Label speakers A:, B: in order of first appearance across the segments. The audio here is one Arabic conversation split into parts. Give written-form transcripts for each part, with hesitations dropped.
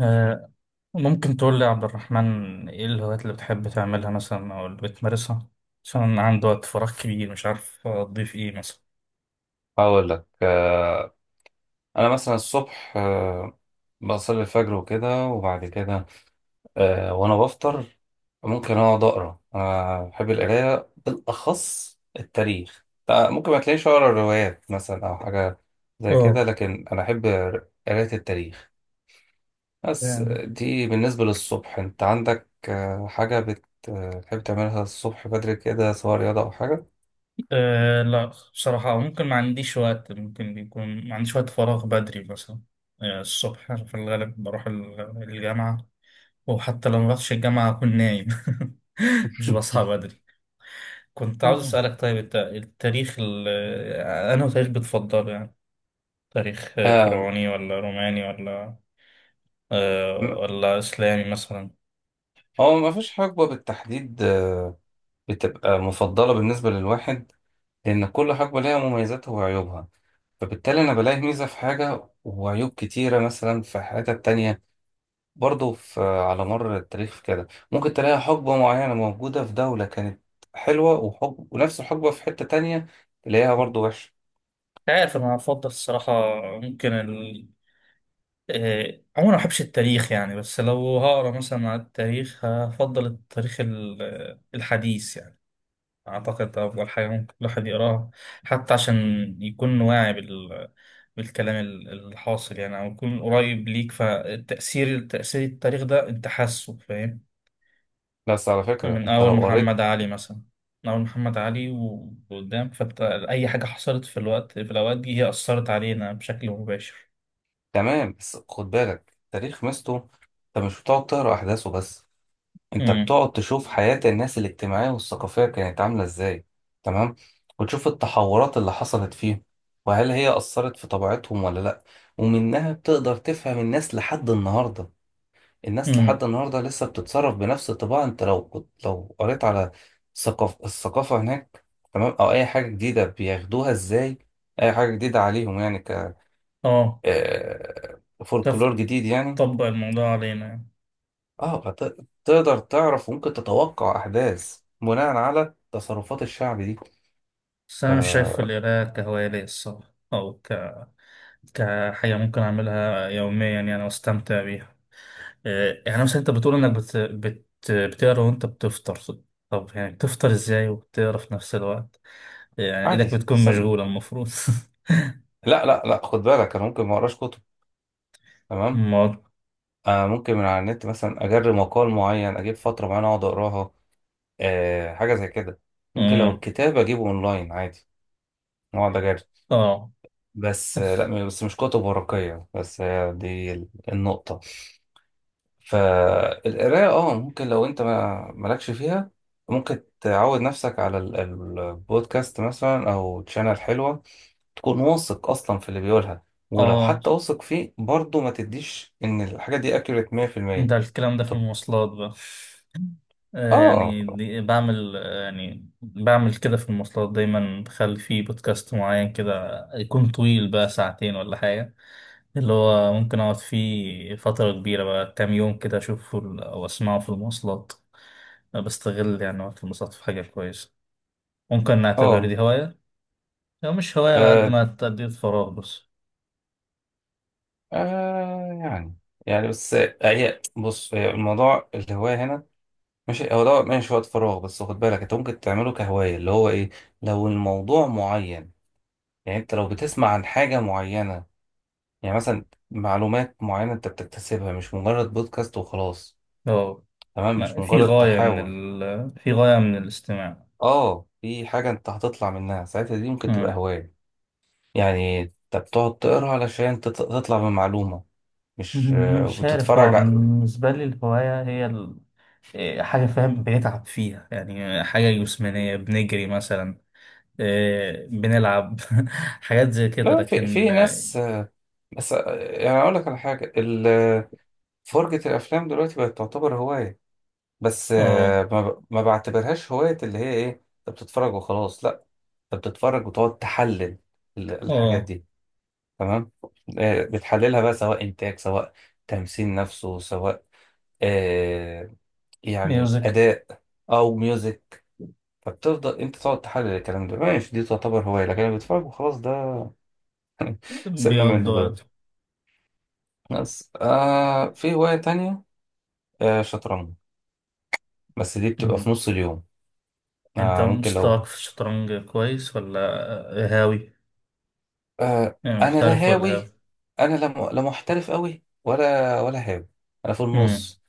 A: آه، ممكن تقول لي يا عبد الرحمن، ايه الهوايات اللي بتحب تعملها مثلا، او اللي بتمارسها؟ عشان أنا عندي وقت فراغ كبير، مش عارف اضيف ايه مثلا.
B: هقول لك انا مثلا الصبح بصلي الفجر وكده. وبعد كده وانا بفطر ممكن اقعد اقرا. انا بحب القرايه، بالاخص التاريخ. ممكن ما تلاقيش اقرا روايات مثلا او حاجه زي كده،
A: اه،
B: لكن انا احب قرايه التاريخ. بس
A: تمام.
B: دي بالنسبه للصبح. انت عندك حاجه بتحب تعملها الصبح بدري كده، سواء رياضه او حاجه؟
A: لا، بصراحة ممكن ما عنديش وقت، ممكن بيكون ما عنديش وقت فراغ بدري مثلا. الصبح أنا في الغالب بروح الجامعة، وحتى لو ما رحتش الجامعة أكون نايم. مش بصحى بدري. كنت عاوز
B: مم.
A: أسألك، طيب التاريخ أنا تاريخ بتفضله يعني؟ تاريخ
B: آه،
A: فرعوني ولا روماني ولا
B: م-
A: ولا إسلامي مثلا؟ مش
B: هو ما فيش حقبة بالتحديد بتبقى مفضلة بالنسبة للواحد، لأن كل حقبة ليها مميزاتها وعيوبها. فبالتالي أنا بلاقي ميزة في حاجة وعيوب كتيرة مثلا في حتة تانية. برضه في على مر التاريخ كده، ممكن تلاقي حقبة معينة موجودة في دولة كانت حلوة، وحقبة ونفس الحقبة في حتة تانية تلاقيها برضه وحشة.
A: عارف. أنا أفضل الصراحة. ممكن ال... عموما ما بحبش التاريخ يعني، بس لو هقرا مثلا على التاريخ هفضل التاريخ الحديث يعني. أعتقد ده أفضل حاجة ممكن الواحد يقراها، حتى عشان يكون واعي بالكلام الحاصل يعني، أو يكون قريب ليك. فالتأثير، تأثير التاريخ ده، أنت حاسه فاهم.
B: بس على فكرة
A: من
B: أنت
A: أول
B: لو قريت.
A: محمد علي مثلا. من أول محمد علي وقدام، فأي حاجة حصلت في في الأوقات دي هي أثرت علينا بشكل مباشر.
B: تمام، بس خد بالك التاريخ مستو، أنت مش بتقعد تقرا أحداثه بس، انت
A: امم
B: بتقعد تشوف حياة الناس الاجتماعية والثقافية كانت عاملة ازاي. تمام. وتشوف التحورات اللي حصلت فيهم، وهل هي أثرت في طبيعتهم ولا لأ. ومنها بتقدر تفهم الناس لحد النهاردة. الناس
A: امم
B: لحد النهاردة لسه بتتصرف بنفس الطباع. انت لو كنت لو قريت على ثقافة الثقافة هناك. تمام. أو أي حاجة جديدة بياخدوها ازاي، أي حاجة جديدة عليهم يعني ك
A: اه، تف-
B: فولكلور جديد يعني.
A: تطبق الموضوع علينا يعني.
B: اه تقدر تعرف وممكن تتوقع احداث بناء على تصرفات الشعب دي.
A: بس أنا مش شايف القراءة كهواية الصراحة، أو كحاجة ممكن أعملها يوميا يعني وأستمتع بيها. يعني مثلا أنت بتقول إنك بتقرا وأنت بتفطر. طب يعني بتفطر إزاي وبتقرا في نفس الوقت؟ يعني
B: عادي
A: إيدك بتكون مشغولة المفروض.
B: لا لا لا، خد بالك انا ممكن ما اقراش كتب. تمام. آه ممكن من على النت مثلا اجرب مقال معين، اجيب فتره معينه اقعد اقراها. آه حاجه زي كده. ممكن لو
A: مم.
B: الكتاب اجيبه اونلاين عادي اقعد اجرب.
A: اه،
B: بس آه لا، بس مش كتب ورقيه بس. آه دي النقطه. فالقراية اه ممكن لو انت ما مالكش فيها، ممكن تعود نفسك على البودكاست مثلا او تشانل حلوة. تكون واثق اصلا في اللي بيقولها. ولو
A: اه،
B: حتى واثق فيه برضه، ما تديش ان الحاجة دي اكيوريت 100%.
A: ده الكلام ده في
B: طب
A: المواصلات بقى.
B: اه
A: يعني بعمل يعني بعمل كده في المواصلات دايما، بخلي فيه بودكاست معين كده يكون طويل بقى ساعتين ولا حاجة، اللي هو ممكن أقعد فيه فترة كبيرة بقى كام يوم كده، أشوفه أو أسمعه في المواصلات. بستغل يعني وقت المواصلات في حاجة كويسة. ممكن نعتبر
B: اه
A: دي هواية، أو مش هواية قد
B: آه،
A: ما تأدية فراغ بس.
B: آه، يعني يعني بس هي بص، هي الموضوع الهواية هنا ماشي. هو ده ماشي وقت فراغ، بس خد بالك انت ممكن تعمله كهواية اللي هو ايه، لو الموضوع معين. يعني انت لو بتسمع عن حاجة معينة، يعني مثلا معلومات معينة انت بتكتسبها، مش مجرد بودكاست وخلاص.
A: أه
B: تمام. مش
A: في
B: مجرد
A: غاية من
B: تحاور.
A: في غاية من الاستماع.
B: اه في حاجة انت هتطلع منها ساعتها، دي ممكن تبقى هواية. يعني انت بتقعد تقرا علشان تطلع بمعلومة، مش
A: مش عارف، هو
B: وتتفرج ع-
A: بالنسبة لي الهواية هي حاجة فاهم بنتعب فيها يعني، حاجة جسمانية، بنجري مثلا، بنلعب. حاجات زي كده،
B: لا في
A: لكن
B: ناس بس يعني اقول لك على حاجة ال- فرجة الافلام دلوقتي بقت تعتبر هواية. بس
A: اه،
B: ما بعتبرهاش هواية اللي هي ايه، انت بتتفرج وخلاص لا. فبتتفرج وتقعد تحلل ال- الحاجات
A: اه،
B: دي. تمام. بتحللها بقى، سواء إنتاج، سواء تمثيل نفسه، سواء آه يعني
A: ميوزك.
B: أداء، أو ميوزك. فبتفضل أنت تقعد تحلل الكلام ده ماشي، دي تعتبر هواية. لكن أنا بتفرج وخلاص ده. سيبنا
A: بيقضي
B: منه
A: وقت.
B: دلوقتي. بس آه في هواية تانية، آه شطرنج. بس دي بتبقى في
A: أمم.
B: نص اليوم.
A: انت
B: آه ممكن
A: مستواك
B: لو.
A: في الشطرنج كويس ولا هاوي؟
B: آه
A: يعني
B: أنا لا
A: محترف ولا هاوي؟
B: هاوي. أنا لا لا محترف أوي ولا هاوي. أنا في
A: أمم.
B: النص.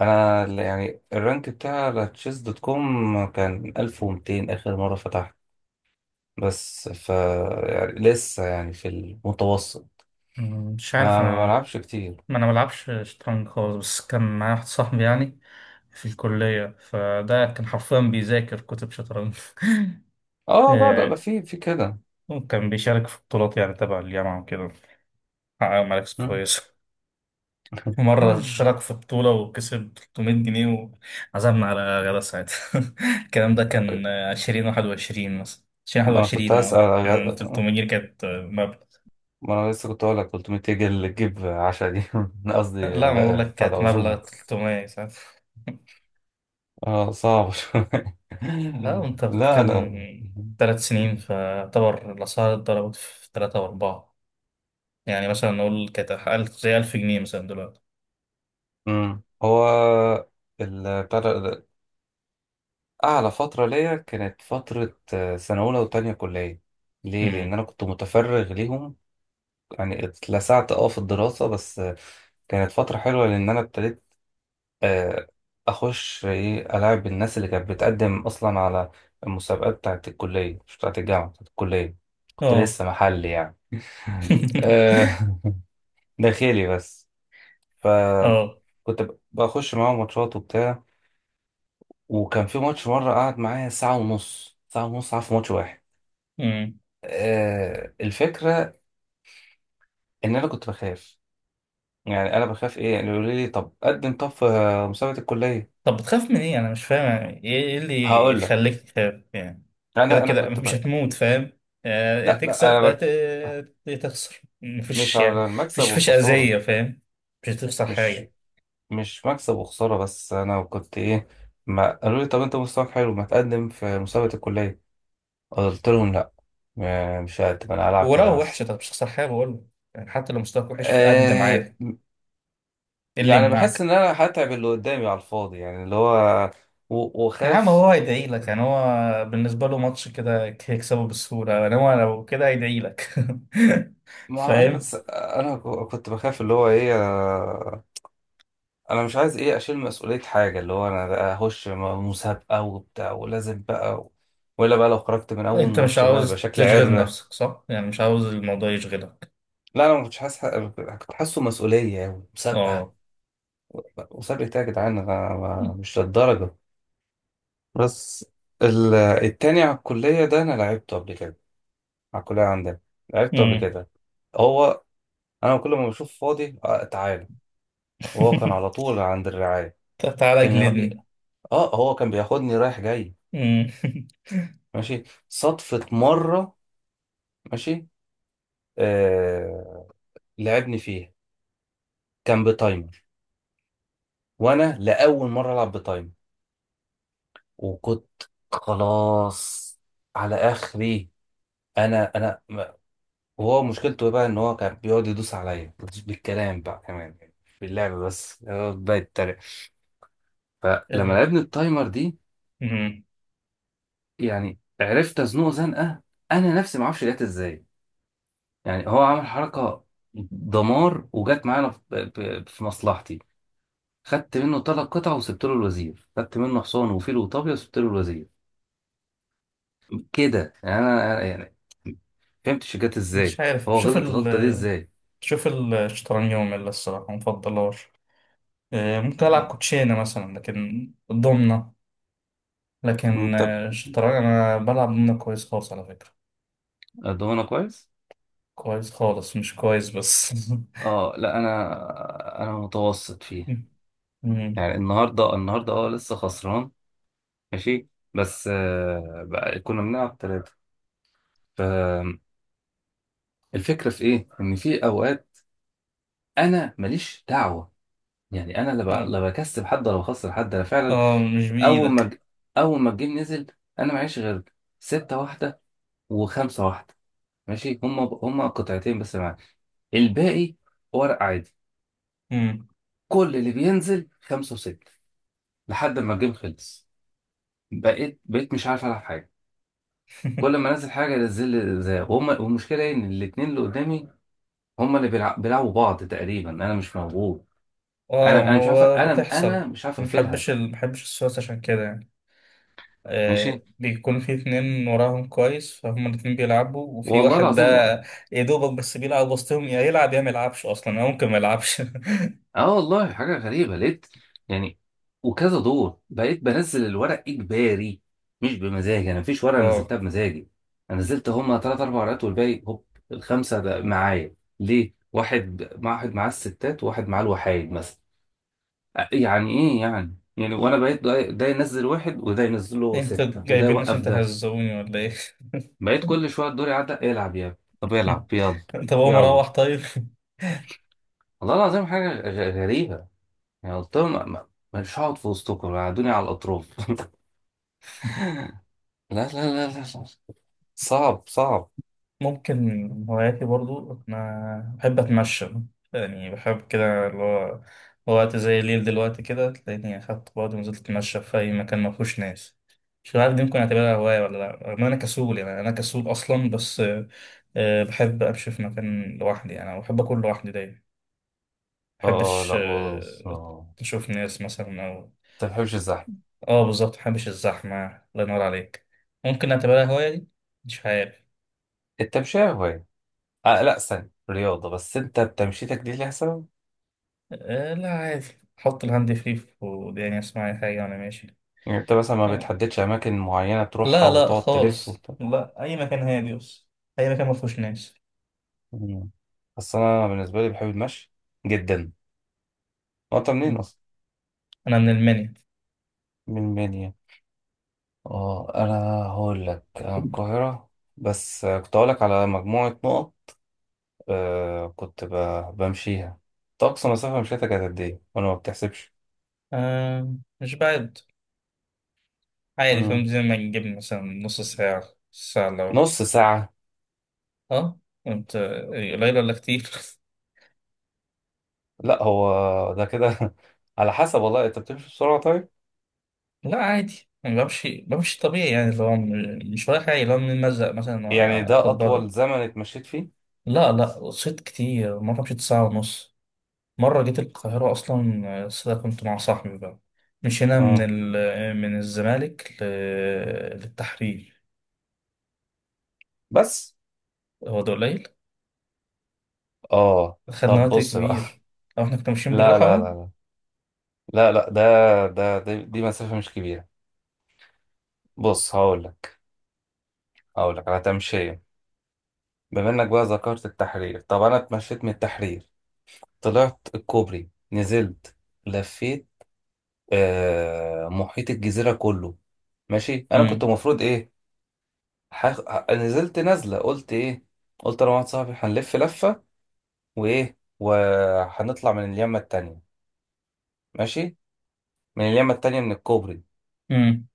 B: انا ال- يعني الرانك بتاع على تشيس دوت كوم كان 1200 اخر مره فتحت. بس ف يعني لسه يعني في المتوسط.
A: مش عارف
B: انا ما
A: انا.
B: بلعبش كتير.
A: ما انا بلعبش شطرنج خالص، بس كان معايا واحد صاحبي يعني في الكلية، فده كان حرفيا بيذاكر كتب شطرنج.
B: اه لا لا لا
A: آه،
B: في كده.
A: وكان بيشارك في بطولات يعني تبع الجامعة وكده. حقق مراكز
B: مم.
A: كويسة. مرة شارك في بطولة وكسب 300 جنيه، وعزمنا على غدا ساعتها. الكلام ده كان 2021 مثلا. عشرين واحد
B: ما انا كنت
A: وعشرين
B: هسأل
A: اه، كان
B: أغ-
A: 300 جنيه كانت مبلغ.
B: ما انا لسه كنت هقول لك 300 جنيه اللي تجيب عشا دي قصدي
A: لا، ما بقول لك
B: بتاع ده
A: كانت مبلغ
B: عزومه.
A: 300 ساعتها.
B: اه صعب شويه.
A: اه، انت
B: لا
A: بتتكلم
B: لا.
A: 3 سنين، فاعتبر الاسعار اتضربت في ثلاثة واربعة. يعني مثلا نقول كانت ألف، زي ألف جنيه مثلا دلوقتي.
B: مم. هو ال- بتاع ده أعلى فترة ليا كانت فترة سنة أولى وتانية كلية. ليه؟ لأن
A: امم
B: أنا كنت متفرغ ليهم. يعني اتلسعت أه في الدراسة، بس كانت فترة حلوة لأن أنا ابتديت آه، أخش إيه، ألاعب الناس اللي كانت بتقدم أصلا على المسابقات بتاعة الكلية، مش بتاعة الجامعة، بتاعة الكلية. كنت
A: اه.
B: لسه محلي يعني. آه، داخلي بس.
A: اه.
B: فكنت بخش معاهم ماتشات وبتاع. وكان في ماتش مرة قعد معايا ساعة ونص، ساعة ونص قعد في ماتش واحد.
A: امم
B: الفكرة إن أنا كنت بخاف. يعني أنا بخاف إيه يعني، يقولوا لي طب قدم طب في مسابقة الكلية.
A: طب بتخاف من ايه؟ انا مش فاهم، يعني ايه؟ إيه اللي
B: هقول لك.
A: يخليك تخاف يعني؟ كده
B: أنا
A: كده
B: كنت
A: مش
B: ب...
A: هتموت فاهم. يا
B: لا لا
A: هتكسب
B: أنا
A: يا
B: بك...
A: يا تخسر،
B: مش
A: مفيش يعني.
B: على المكسب
A: مفيش
B: والخسارة.
A: اذية فاهم. مش هتخسر
B: مش
A: حاجة.
B: مش مكسب وخسارة. بس أنا كنت إيه، ما قالوا لي طب أنت مستواك حلو، ما تقدم في مسابقة الكلية. قلت لهم لا، مش هقدم، أنا هلعب كده
A: ولو وحش،
B: بس.
A: طب مش هتخسر حاجة بقول لك. يعني حتى لو مستواك وحش قدم
B: آه
A: عادي، ايه اللي
B: يعني بحس
A: يمنعك؟
B: إن أنا هتعب اللي قدامي على الفاضي، يعني اللي هو
A: يا عم هو
B: وخاف.
A: هيدعي لك يعني. هو بالنسبة له ماتش كده هيكسبه بالسهولة، يعني هو لو كده هيدعي لك.
B: ما اعرف،
A: فاهم.
B: بس انا كنت بخاف اللي هو ايه انا مش عايز ايه اشيل مسؤولية حاجة، اللي هو انا بقى اخش مسابقة وبتاع ولازم بقى و- ولا بقى لو خرجت من اول
A: انت مش
B: ماتش بقى يبقى
A: عاوز
B: شكلي
A: تشغل
B: عرة.
A: نفسك صح يعني، مش عاوز الموضوع يشغلك.
B: لا انا ما كنتش حاسس كنت حاسه مسؤولية أوي مسابقة.
A: اه.
B: مسابقة ايه يا جدعان، انا مش للدرجة. بس ال- التاني على الكلية ده انا لعبته قبل كده، على الكلية عندنا، لعبته قبل
A: مم.
B: كده. هو انا كل ما بشوف فاضي تعالى. وهو كان على طول عند الرعاية.
A: تعالى
B: كان
A: جلدني.
B: اه هو كان بياخدني رايح جاي.
A: مم.
B: ماشي صدفة مرة. ماشي. آه لعبني فيها كان بتايمر، وانا لأول مرة العب بتايمر، وكنت خلاص على اخري. انا ما- وهو مشكلته بقى ان هو كان بيقعد يدوس عليا، مش بالكلام بقى كمان يعني في اللعب بس، يقعد بقى يتريق. فلما
A: آه،
B: لعبني التايمر دي،
A: مم.
B: يعني عرفت ازنقه زنقه. انا نفسي ما اعرفش جت ازاي، يعني هو عمل حركة دمار وجت معانا في في مصلحتي. خدت منه ثلاث قطع وسبت له الوزير، خدت منه حصان وفيل وطابية وسبت له الوزير. كده يعني انا يعني فهمتش جت
A: مش
B: ازاي.
A: عارف.
B: هو غلط الغلطة دي ازاي.
A: شوف الشطرنج يوم الصراحة مفضلهاش. ممكن ألعب
B: نعم.
A: كوتشينة مثلا لكن ضمنة. لكن
B: انت
A: الشطرنج أنا بلعب ضمنة كويس خالص على فكرة.
B: الضمانة كويس.
A: كويس خالص، مش كويس بس.
B: اه لا انا متوسط فيه.
A: مم.
B: يعني النهارده النهارده اه لسه خسران. ماشي. بس آه بقى كنا بنلعب ثلاثة. فالفكرة في ايه، ان في اوقات انا ماليش دعوة. يعني انا لا لا بكسب حد ولا بخسر حد انا فعلا.
A: اه، مش
B: اول ما
A: بإيدك.
B: اول ما الجيم نزل، انا معيش غير ستة واحدة وخمسة واحدة ماشي. هما هما قطعتين بس معايا، الباقي ورق عادي.
A: مم.
B: كل اللي بينزل خمسة وستة لحد ما الجيم خلص. بقيت مش عارف العب حاجة. كل ما انزل حاجة انزل زي وهم. والمشكلة ايه، ان الاتنين اللي قدامي هما اللي بيلعبوا بعض تقريبا، انا مش موجود.
A: اه،
B: انا
A: ما
B: انا مش عارف
A: هو
B: انا
A: بتحصل.
B: انا مش عارف اقفلها.
A: محبش السويس عشان كده يعني.
B: ماشي.
A: بيكون في اتنين وراهم كويس فهم، الاتنين بيلعبوا، وفي
B: والله
A: واحد ده،
B: العظيم.
A: يا دوبك بس بيلعب وسطهم، يا يلعب يا ما يلعبش اصلا، او ممكن ما يلعبش.
B: اه والله حاجة غريبة لقيت يعني، وكذا دور بقيت بنزل الورق إجباري، مش بمزاجي. أنا مفيش ورقة
A: اه،
B: نزلتها بمزاجي. أنا نزلت هما تلات أربع ورقات والباقي هوب، الخمسة ده معايا. ليه؟ واحد مع واحد معاه الستات، وواحد معاه الوحايد مثلا. يعني إيه يعني؟ يعني وأنا بقيت ده ده ينزل واحد، وده ينزل له
A: انت
B: ستة، وده
A: جايبين عشان
B: يوقف ده.
A: تهزوني ولا ايه؟
B: بقيت كل شوية الدور يعدي، العب يا ابني. طب العب يلا.
A: طب هو
B: يلا.
A: مروح طيب.
B: والله العظيم حاجة غريبة. يعني قلت لهم مش هقعد في وسطكم، قعدوني على الأطراف. لا لا لا لا لا. صعب صعب.
A: ممكن هواياتي برضو، أنا بحب أتمشى. يعني بحب كده اللي هو، وقت زي الليل دلوقتي كده تلاقيني أخدت بعض ونزلت أتمشى في أي مكان ما فيهوش ناس. مش عارف دي ممكن أعتبرها هواية ولا لأ. رغم إن أنا كسول، يعني أنا كسول أصلا، بس بحب أمشي في مكان لوحدي. يعني أنا بحب أكون لوحدي دايما.
B: اه
A: مبحبش
B: لا بص آه.
A: أشوف ناس مثلا أو...
B: انت ما بتحبش الزحمة.
A: بالظبط، مبحبش الزحمة. الله ينور عليك. ممكن أعتبرها هواية دي. مش عارف.
B: التمشية هواية. آه لا استنى رياضة، بس انت بتمشيتك دي ليها سبب.
A: لا عادي، حط الهاند فري في وداني، اسمع اي حاجة وانا ماشي.
B: يعني انت مثلا ما
A: آه.
B: بتحددش أماكن معينة تروحها
A: لا، لا
B: وتقعد تلف
A: خالص،
B: وبتاع.
A: لا، اي مكان هادي بس. اي مكان ما فيهوش ناس.
B: مم. بس أنا بالنسبة لي بحب المشي جدا. وأنت منين
A: مم.
B: أصلا؟
A: انا من المنيا.
B: من المنيا. اه أنا هقول لك أنا من القاهرة. بس كنت هقول لك على مجموعة نقط. آه كنت بمشيها. طب أقصى مسافة مشيتها كانت قد إيه؟ وأنا ما بتحسبش.
A: آه مش بعد. عادي، فاهم
B: مم.
A: زي ما نجيب مثلا نص ساعة، ساعة لو.
B: نص ساعة.
A: اه، انت قليل ولا كتير؟
B: لا هو ده كده على حسب، والله أنت بتمشي بسرعة طيب؟
A: لا عادي، انا بمشي طبيعي، يعني اللي هو مش رايح، عادي اللي هو من المزق مثلا
B: يعني ده
A: اخد
B: أطول
A: بعض.
B: زمن اتمشيت فيه؟
A: لا لا، صيد كتير. مرة مشيت ساعة ونص. مرة جيت القاهرة أصلا، بس ده كنت مع صاحبي بقى. مشينا
B: اه.
A: من الزمالك للتحرير.
B: بس؟
A: هو ده قليل؟
B: اه.
A: خدنا
B: طب
A: وقت
B: بص بقى.
A: كبير لو احنا كنا ماشيين
B: لا
A: بالراحة
B: لا
A: بقى.
B: لا لا لا لا ده ده دي, دي مسافة مش كبيرة. بص هقول لك، هقول لك على تمشية، بما إنك بقى ذكرت التحرير. طب أنا اتمشيت من التحرير، طلعت الكوبري، نزلت، لفيت محيط الجزيرة كله. ماشي انا كنت
A: امم
B: المفروض ايه نزلت نازلة قلت ايه، قلت انا واحد صاحبي هنلف لفة، وايه وهنطلع من اليمة التانية. ماشي، من اليمة التانية من الكوبري.
A: امم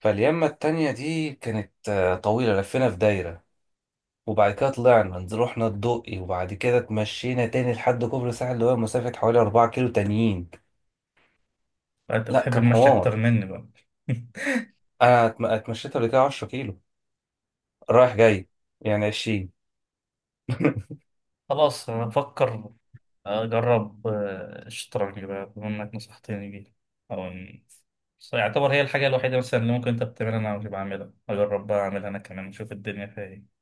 B: فاليمة التانية دي كانت طويلة، لفينا في دايرة. وبعد كده طلعنا رحنا الدقي، وبعد كده اتمشينا تاني لحد كوبري الساحل، اللي هو مسافة حوالي 4 كيلو تانيين.
A: انت
B: لا
A: بتحب
B: كان
A: المشي أكتر
B: حوار.
A: مني بقى.
B: انا اتمشيت قبل كده 10 كيلو رايح جاي، يعني 20.
A: خلاص، أنا بفكر أجرب الشطرنج بقى بما إنك نصحتني بيه. أو إن- بس يعتبر هي الحاجة الوحيدة مثلا اللي ممكن أنت بتعملها أنا مش بعملها. أجرب بقى أعملها أنا كمان أشوف الدنيا فيها إيه.